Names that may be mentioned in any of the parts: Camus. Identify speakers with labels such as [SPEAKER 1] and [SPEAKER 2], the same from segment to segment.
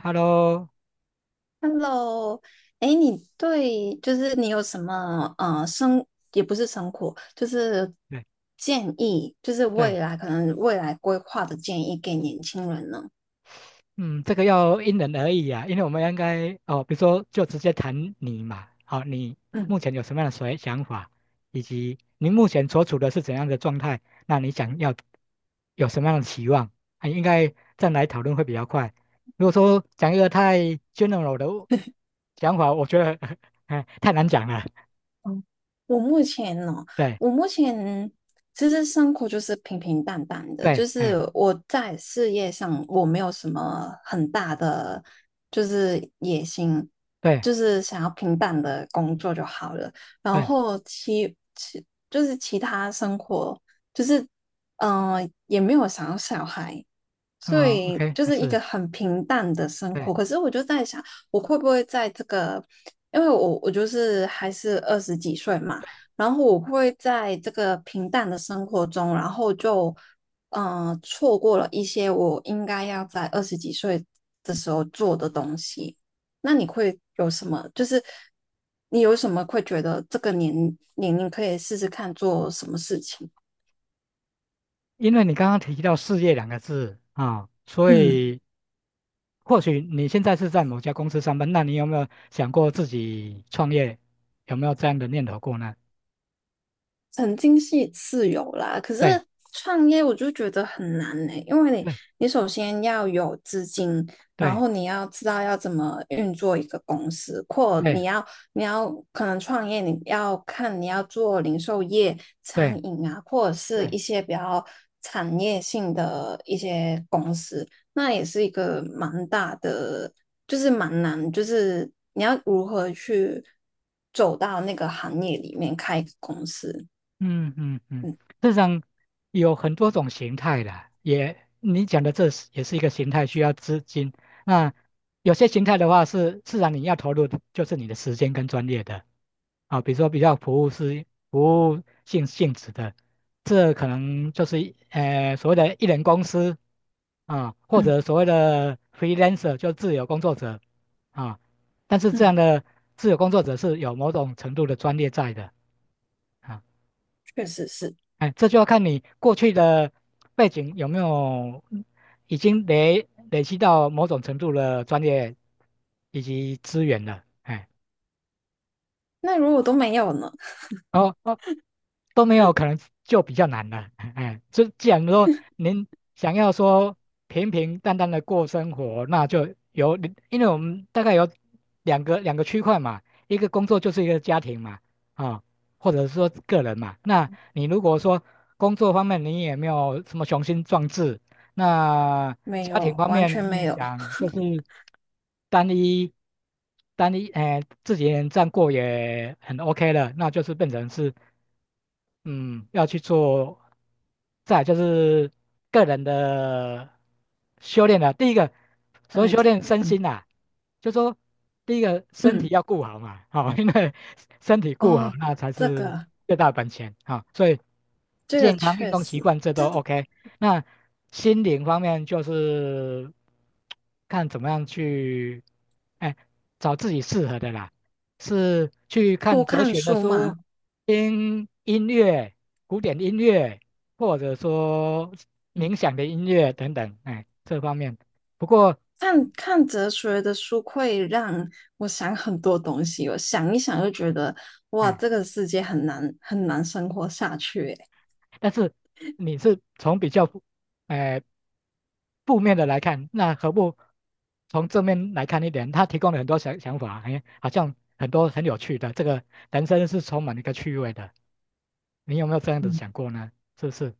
[SPEAKER 1] Hello，
[SPEAKER 2] Hello，哎，你对就是你有什么也不是生活，就是
[SPEAKER 1] 对
[SPEAKER 2] 建议，就是
[SPEAKER 1] 对，
[SPEAKER 2] 未来可能未来规划的建议给年轻人呢？
[SPEAKER 1] 嗯，这个要因人而异啊。因为我们应该哦，比如说就直接谈你嘛，好、你
[SPEAKER 2] 嗯，
[SPEAKER 1] 目前有什么样的所想法，以及你目前所处的是怎样的状态，那你想要有什么样的期望，啊，应该这样来讨论会比较快。如果说讲一个太 general 的 想法，我觉得 哎太难讲了。
[SPEAKER 2] 嗯，我目前呢，
[SPEAKER 1] 对
[SPEAKER 2] 我目前其实生活就是平平淡淡的，
[SPEAKER 1] 对，
[SPEAKER 2] 就
[SPEAKER 1] 哎
[SPEAKER 2] 是我在事业上我没有什么很大的就是野心，
[SPEAKER 1] 对
[SPEAKER 2] 就是想要平淡的工作就好了。然
[SPEAKER 1] 对，
[SPEAKER 2] 后就是其他生活，就是也没有想要小孩，所
[SPEAKER 1] 嗯
[SPEAKER 2] 以
[SPEAKER 1] ，OK，
[SPEAKER 2] 就
[SPEAKER 1] 还
[SPEAKER 2] 是一个
[SPEAKER 1] 是。
[SPEAKER 2] 很平淡的生
[SPEAKER 1] 对
[SPEAKER 2] 活。可是我就在想，我会不会在这个，因为我就是还是二十几岁嘛，然后我会在这个平淡的生活中，然后就嗯、错过了一些我应该要在二十几岁的时候做的东西。那你会有什么？就是你有什么会觉得这个年龄可以试试看做什么事情？
[SPEAKER 1] 因为你刚刚提到事业两个字啊，所
[SPEAKER 2] 嗯。
[SPEAKER 1] 以或许你现在是在某家公司上班，那你有没有想过自己创业？有没有这样的念头过呢？
[SPEAKER 2] 曾经是自由啦，可是
[SPEAKER 1] 对
[SPEAKER 2] 创业我就觉得很难呢、因为你
[SPEAKER 1] 对
[SPEAKER 2] 你首先要有资金，然
[SPEAKER 1] 对
[SPEAKER 2] 后你要知道要怎么运作一个公司，或
[SPEAKER 1] 对
[SPEAKER 2] 你要可能创业，你要看你要做零售业、餐
[SPEAKER 1] 对
[SPEAKER 2] 饮啊，或者是
[SPEAKER 1] 对
[SPEAKER 2] 一些比较产业性的一些公司，那也是一个蛮大的，就是蛮难，就是你要如何去走到那个行业里面开一个公司。
[SPEAKER 1] 嗯嗯嗯，
[SPEAKER 2] 嗯
[SPEAKER 1] 市场有很多种形态的，也你讲的这是也是一个形态，需要资金。那有些形态的话是自然你要投入的就是你的时间跟专业的啊，比如说比较服务是服务性质的，这可能就是所谓的艺人公司啊，或
[SPEAKER 2] 嗯
[SPEAKER 1] 者所谓的 freelancer 就自由工作者啊，但是这样
[SPEAKER 2] 嗯，
[SPEAKER 1] 的自由工作者是有某种程度的专业在的。啊。
[SPEAKER 2] 确实是。
[SPEAKER 1] 哎，这就要看你过去的背景有没有已经累积到某种程度的专业以及资源了。哎，
[SPEAKER 2] 那如果都没有呢？
[SPEAKER 1] 哦哦，都没有，可能就比较难了。哎，就既然说您想要说平平淡淡的过生活，那就有，因为我们大概有两个区块嘛，一个工作就是一个家庭嘛，啊、或者是说个人嘛。那你如果说工作方面你也没有什么雄心壮志，那
[SPEAKER 2] 没
[SPEAKER 1] 家庭
[SPEAKER 2] 有，
[SPEAKER 1] 方
[SPEAKER 2] 完
[SPEAKER 1] 面
[SPEAKER 2] 全
[SPEAKER 1] 你也
[SPEAKER 2] 没有。
[SPEAKER 1] 想就是单一单一，哎、自己一个人这样过也很 OK 了，那就是变成是。嗯，要去做，再来就是个人的修炼了。第一个，所谓
[SPEAKER 2] 嗯
[SPEAKER 1] 修炼身
[SPEAKER 2] 嗯
[SPEAKER 1] 心啊，就说第一个身体
[SPEAKER 2] 嗯，
[SPEAKER 1] 要顾好嘛，好、因为身体顾好，
[SPEAKER 2] 哦，
[SPEAKER 1] 那才
[SPEAKER 2] 这
[SPEAKER 1] 是
[SPEAKER 2] 个
[SPEAKER 1] 最大的本钱啊、所以
[SPEAKER 2] 这个
[SPEAKER 1] 健康、运
[SPEAKER 2] 确
[SPEAKER 1] 动习
[SPEAKER 2] 实，
[SPEAKER 1] 惯这都
[SPEAKER 2] 就是
[SPEAKER 1] OK。那心灵方面就是看怎么样去，哎，找自己适合的啦。是去看
[SPEAKER 2] 多
[SPEAKER 1] 哲
[SPEAKER 2] 看
[SPEAKER 1] 学的
[SPEAKER 2] 书
[SPEAKER 1] 书，
[SPEAKER 2] 嘛。
[SPEAKER 1] 听音乐、古典音乐，或者说
[SPEAKER 2] 嗯，
[SPEAKER 1] 冥想的音乐等等，哎，这方面。不过，
[SPEAKER 2] 看看哲学的书会让我想很多东西，我想一想就觉得，哇，
[SPEAKER 1] 哎，
[SPEAKER 2] 这个世界很难很难生活下去欸。
[SPEAKER 1] 但是你是从比较负，哎，负面的来看，那何不从正面来看一点？他提供了很多想法，哎，好像很多很有趣的，这个人生是充满一个趣味的。你有没有这样子
[SPEAKER 2] 嗯
[SPEAKER 1] 想过呢？是不是？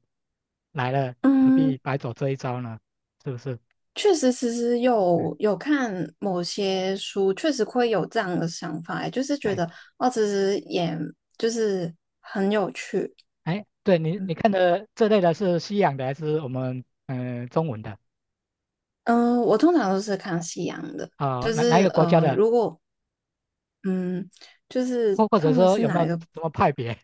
[SPEAKER 1] 来了，何
[SPEAKER 2] 嗯，
[SPEAKER 1] 必白走这一招呢？是不是？
[SPEAKER 2] 确实，其实
[SPEAKER 1] 嗯
[SPEAKER 2] 有看某些书，确实会有这样的想法欸，就是觉
[SPEAKER 1] 哎
[SPEAKER 2] 得哦，其实也就是很有趣。
[SPEAKER 1] 哎，对你
[SPEAKER 2] 嗯
[SPEAKER 1] 看的这类的是西洋的还是我们中文的
[SPEAKER 2] 嗯、我通常都是看西洋的，
[SPEAKER 1] 啊、
[SPEAKER 2] 就
[SPEAKER 1] 哪一
[SPEAKER 2] 是
[SPEAKER 1] 个国家的，
[SPEAKER 2] 如果嗯，就是
[SPEAKER 1] 或或
[SPEAKER 2] 他
[SPEAKER 1] 者
[SPEAKER 2] 们
[SPEAKER 1] 说
[SPEAKER 2] 是
[SPEAKER 1] 有没有
[SPEAKER 2] 哪一个
[SPEAKER 1] 什么派别？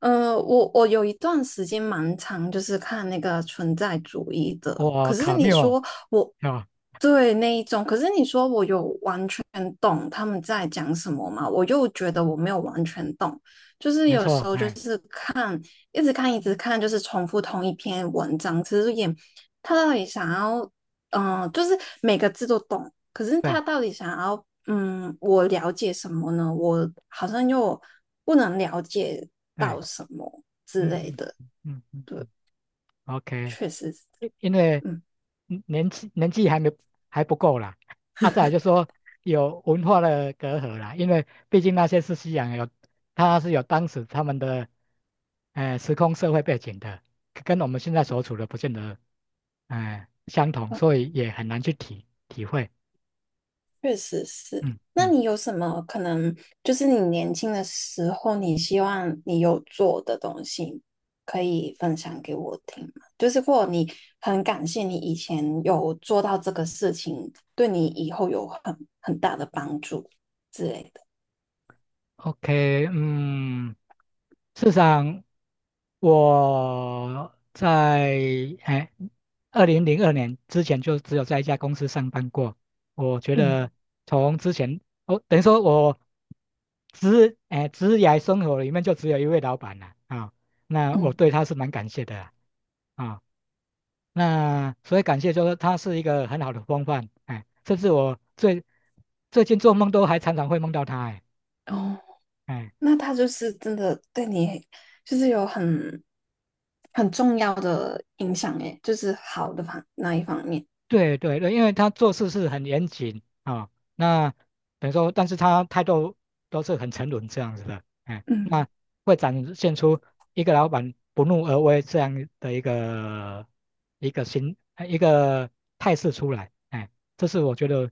[SPEAKER 2] 呃，我有一段时间蛮长，就是看那个存在主义的。
[SPEAKER 1] 哦，
[SPEAKER 2] 可是
[SPEAKER 1] 卡
[SPEAKER 2] 你
[SPEAKER 1] 缪
[SPEAKER 2] 说我
[SPEAKER 1] 啊、
[SPEAKER 2] 对那一种，可是你说我有完全懂他们在讲什么嘛？我又觉得我没有完全懂，就是
[SPEAKER 1] 没
[SPEAKER 2] 有时
[SPEAKER 1] 错，
[SPEAKER 2] 候就
[SPEAKER 1] 哎，
[SPEAKER 2] 是看，一直看，一直看，就是重复同一篇文章，其实也他到底想要就是每个字都懂，可是
[SPEAKER 1] 对
[SPEAKER 2] 他到底想要，我了解什么呢？我好像又不能了解
[SPEAKER 1] 对，
[SPEAKER 2] 到什么之
[SPEAKER 1] 嗯
[SPEAKER 2] 类
[SPEAKER 1] 嗯
[SPEAKER 2] 的。
[SPEAKER 1] 嗯嗯嗯
[SPEAKER 2] 对，
[SPEAKER 1] 嗯，OK。
[SPEAKER 2] 确实是，
[SPEAKER 1] 因为
[SPEAKER 2] 嗯，
[SPEAKER 1] 年纪还不够啦，啊，再来就说有文化的隔阂啦，因为毕竟那些是西洋有，他是有当时他们的，时空社会背景的，跟我们现在所处的不见得，相同，所以也很难去体会，
[SPEAKER 2] 确实是。
[SPEAKER 1] 嗯
[SPEAKER 2] 那
[SPEAKER 1] 嗯。
[SPEAKER 2] 你有什么可能，就是你年轻的时候，你希望你有做的东西，可以分享给我听吗？就是或者你很感谢你以前有做到这个事情，对你以后有很大的帮助之类的。
[SPEAKER 1] OK，事实上我在哎2002年之前就只有在一家公司上班过。我觉
[SPEAKER 2] 嗯。
[SPEAKER 1] 得从之前，哦，等于说我职涯生活里面就只有一位老板了啊，那我
[SPEAKER 2] 嗯，
[SPEAKER 1] 对他是蛮感谢的啦啊。那所以感谢就是他是一个很好的风范，哎，甚至我最近做梦都还常常会梦到他，哎。
[SPEAKER 2] 哦，
[SPEAKER 1] 哎
[SPEAKER 2] 那他就是真的对你，就是有很重要的影响诶，就是好的方那一方面，
[SPEAKER 1] 对对对，因为他做事是很严谨啊、那等于说，但是他态度都是很沉稳这样子的，哎，那
[SPEAKER 2] 嗯，
[SPEAKER 1] 会展现出一个老板不怒而威这样的一个态势出来，哎，这是我觉得，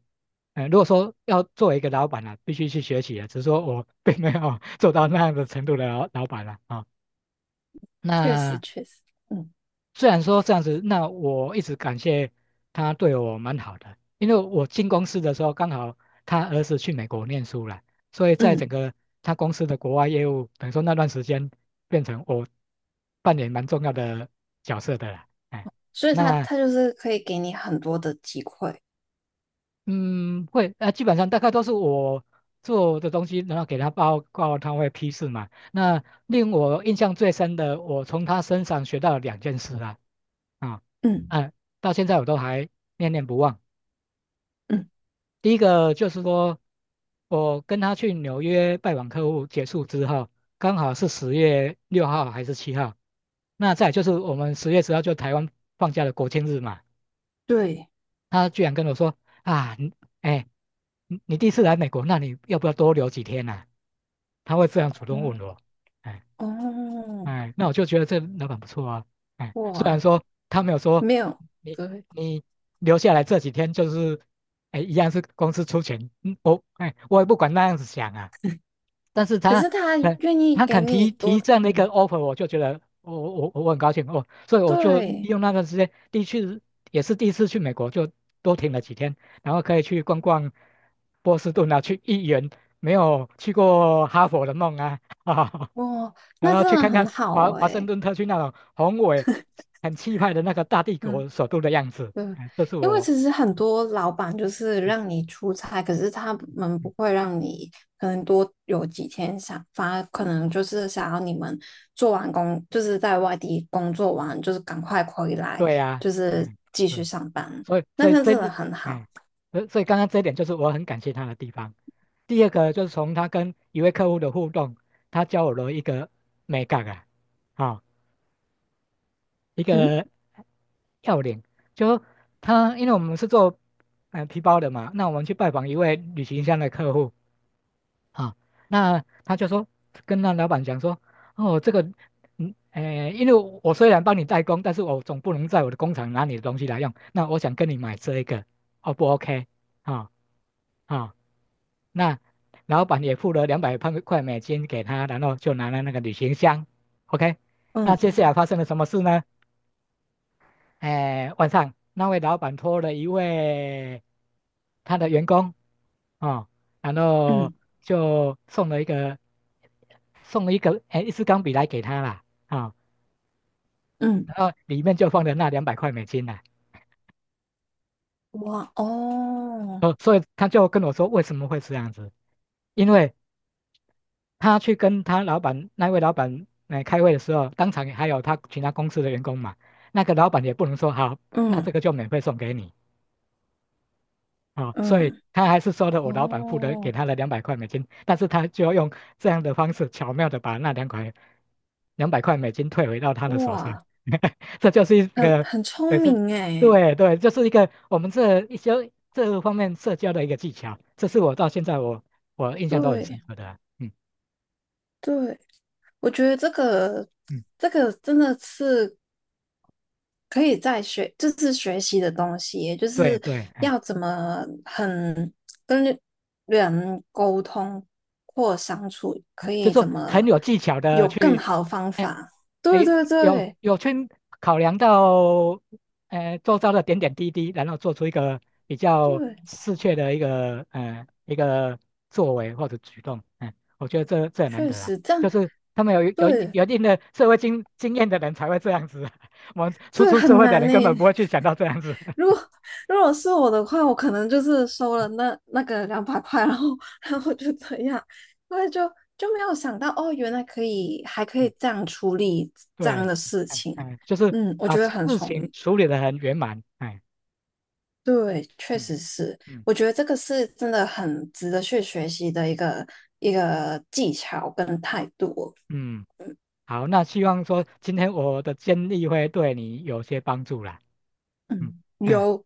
[SPEAKER 1] 哎，如果说要作为一个老板啊，必须去学习啊。只是说我并没有 做到那样的程度的老板了啊、
[SPEAKER 2] 确实
[SPEAKER 1] 那
[SPEAKER 2] 确实，嗯
[SPEAKER 1] 虽然说这样子，那我一直感谢他对我蛮好的，因为我进公司的时候刚好他儿子去美国念书了，所以在整
[SPEAKER 2] 嗯，
[SPEAKER 1] 个他公司的国外业务，等于说那段时间变成我扮演蛮重要的角色的了。哎，
[SPEAKER 2] 所以他
[SPEAKER 1] 那
[SPEAKER 2] 他就是可以给你很多的机会，
[SPEAKER 1] 基本上大概都是我做的东西，然后给他报告，他会批示嘛。那令我印象最深的，我从他身上学到了两件事啦，啊，
[SPEAKER 2] 嗯
[SPEAKER 1] 嗯、到现在我都还念念不忘。
[SPEAKER 2] 嗯，
[SPEAKER 1] 第一个就是说，我跟他去纽约拜访客户结束之后，刚好是10月6号还是7号，那再来就是我们10月10号就台湾放假的国庆日嘛。
[SPEAKER 2] 对，
[SPEAKER 1] 他居然跟我说啊，你哎，你你第一次来美国，那你要不要多留几天呢、啊他会这样主动
[SPEAKER 2] 哦
[SPEAKER 1] 问我，哎
[SPEAKER 2] 哦，
[SPEAKER 1] 哎，那我就觉得这老板不错啊。哎，虽然
[SPEAKER 2] 哇，
[SPEAKER 1] 说他没有说
[SPEAKER 2] 没有，
[SPEAKER 1] 你
[SPEAKER 2] 对，
[SPEAKER 1] 你留下来这几天就是，哎，一样是公司出钱，我也不管那样子想啊。但是
[SPEAKER 2] 可
[SPEAKER 1] 他
[SPEAKER 2] 是他
[SPEAKER 1] 肯
[SPEAKER 2] 愿意
[SPEAKER 1] 他
[SPEAKER 2] 给
[SPEAKER 1] 肯
[SPEAKER 2] 你
[SPEAKER 1] 提提
[SPEAKER 2] 多，
[SPEAKER 1] 这样的一个
[SPEAKER 2] 嗯，
[SPEAKER 1] offer，我就觉得我很高兴哦，所以我就利
[SPEAKER 2] 对，
[SPEAKER 1] 用那段时间，第一次也是第一次去美国，就多停了几天，然后可以去逛逛波士顿啊，去一圆没有去过哈佛的梦啊，
[SPEAKER 2] 哇，
[SPEAKER 1] 然
[SPEAKER 2] 那
[SPEAKER 1] 后
[SPEAKER 2] 真
[SPEAKER 1] 去
[SPEAKER 2] 的
[SPEAKER 1] 看
[SPEAKER 2] 很
[SPEAKER 1] 看
[SPEAKER 2] 好
[SPEAKER 1] 华华盛
[SPEAKER 2] 诶，
[SPEAKER 1] 顿特区那种宏伟、很气派的那个大帝
[SPEAKER 2] 嗯。
[SPEAKER 1] 国首都的样子。
[SPEAKER 2] 嗯，
[SPEAKER 1] 哎，这是
[SPEAKER 2] 因为
[SPEAKER 1] 我，
[SPEAKER 2] 其实很多老板就是
[SPEAKER 1] 嗯
[SPEAKER 2] 让你出差，可是他们不
[SPEAKER 1] 嗯，
[SPEAKER 2] 会让你可能多有几天想，反而可能就是想要你们做完工，就是在外地工作完，就是赶快回来，
[SPEAKER 1] 对呀、
[SPEAKER 2] 就是
[SPEAKER 1] 嗯，
[SPEAKER 2] 继续
[SPEAKER 1] 嗯，
[SPEAKER 2] 上班。
[SPEAKER 1] 所以
[SPEAKER 2] 那
[SPEAKER 1] 所以
[SPEAKER 2] 他
[SPEAKER 1] 这，
[SPEAKER 2] 真的很好，
[SPEAKER 1] 哎，所以刚刚这一点就是我很感谢他的地方。第二个就是从他跟一位客户的互动，他教我了一个美感啊，啊、一
[SPEAKER 2] 嗯
[SPEAKER 1] 个要领，就说他因为我们是做皮包的嘛，那我们去拜访一位旅行箱的客户。啊，那他就说跟那老板讲说，哦，这个，因为我虽然帮你代工，但是我总不能在我的工厂拿你的东西来用，那我想跟你买这一个，O 不 OK？啊啊，那老板也付了两百块美金给他，然后就拿了那个旅行箱，OK？那
[SPEAKER 2] 嗯
[SPEAKER 1] 接下来发生了什么事呢？诶，晚上那位老板托了一位。他的员工啊、然后
[SPEAKER 2] 嗯
[SPEAKER 1] 就送了一个送了一个哎一支钢笔来给他啦啊、
[SPEAKER 2] 嗯，
[SPEAKER 1] 然后里面就放了那两百块美金啦。
[SPEAKER 2] 哇哦，
[SPEAKER 1] 哦，所以他就跟我说为什么会这样子，因为他去跟他老板那位老板来开会的时候，当场还有他其他公司的员工嘛，那个老板也不能说好，那这
[SPEAKER 2] 嗯
[SPEAKER 1] 个就免费送给你啊、所以
[SPEAKER 2] 嗯
[SPEAKER 1] 他还是说的，我老板付的给
[SPEAKER 2] 哦，
[SPEAKER 1] 他的两百块美金，但是他就要用这样的方式巧妙的把那两百块美金退回到他的手上，
[SPEAKER 2] 哇，
[SPEAKER 1] 这就是一
[SPEAKER 2] 很
[SPEAKER 1] 个，
[SPEAKER 2] 很
[SPEAKER 1] 对，
[SPEAKER 2] 聪
[SPEAKER 1] 这
[SPEAKER 2] 明诶，
[SPEAKER 1] 对对，就是一个我们这一些这方面社交的一个技巧，这是我到现在我印象都很深
[SPEAKER 2] 对。
[SPEAKER 1] 刻的啊嗯
[SPEAKER 2] 对，我觉得这个
[SPEAKER 1] 嗯，
[SPEAKER 2] 这个真的是可以在学，就是学习的东西耶就
[SPEAKER 1] 对
[SPEAKER 2] 是
[SPEAKER 1] 对，嗯。
[SPEAKER 2] 要怎么很跟人沟通或相处，可
[SPEAKER 1] 就
[SPEAKER 2] 以
[SPEAKER 1] 是说
[SPEAKER 2] 怎
[SPEAKER 1] 很
[SPEAKER 2] 么
[SPEAKER 1] 有技巧的
[SPEAKER 2] 有更
[SPEAKER 1] 去，
[SPEAKER 2] 好的方
[SPEAKER 1] 哎、
[SPEAKER 2] 法。
[SPEAKER 1] 哎、
[SPEAKER 2] 对对
[SPEAKER 1] 有
[SPEAKER 2] 对
[SPEAKER 1] 有去考量到，周遭的点点滴滴，然后做出一个比较
[SPEAKER 2] 对，
[SPEAKER 1] 适切的一个，一个作为或者举动，我觉得这很难
[SPEAKER 2] 确
[SPEAKER 1] 得啊，
[SPEAKER 2] 实这样，
[SPEAKER 1] 就是他们有有
[SPEAKER 2] 对
[SPEAKER 1] 有一定的社会经验的人才会这样子，我们初
[SPEAKER 2] 对
[SPEAKER 1] 出社
[SPEAKER 2] 很
[SPEAKER 1] 会的
[SPEAKER 2] 难
[SPEAKER 1] 人
[SPEAKER 2] 呢。
[SPEAKER 1] 根本不会去想到这样子，
[SPEAKER 2] 如果如果是我的话，我可能就是收了那个200块，然后就这样，因为就没有想到哦，原来可以还 可
[SPEAKER 1] 嗯
[SPEAKER 2] 以这样处理这样
[SPEAKER 1] 对，
[SPEAKER 2] 的事
[SPEAKER 1] 哎
[SPEAKER 2] 情。
[SPEAKER 1] 哎，就是
[SPEAKER 2] 嗯，我
[SPEAKER 1] 把
[SPEAKER 2] 觉得
[SPEAKER 1] 事
[SPEAKER 2] 很聪
[SPEAKER 1] 情
[SPEAKER 2] 明。
[SPEAKER 1] 处理得很圆满，哎，
[SPEAKER 2] 对，确
[SPEAKER 1] 嗯
[SPEAKER 2] 实是，
[SPEAKER 1] 嗯
[SPEAKER 2] 我觉得这个是真的很值得去学习的一个技巧跟态度哦
[SPEAKER 1] 嗯。好，那希望说今天我的建议会对你有些帮助啦。嗯
[SPEAKER 2] 嗯，
[SPEAKER 1] 嗯
[SPEAKER 2] 有，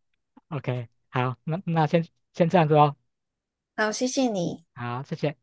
[SPEAKER 1] ，OK，好，那那先这样子哦。
[SPEAKER 2] 好，谢谢你。
[SPEAKER 1] 好，谢谢。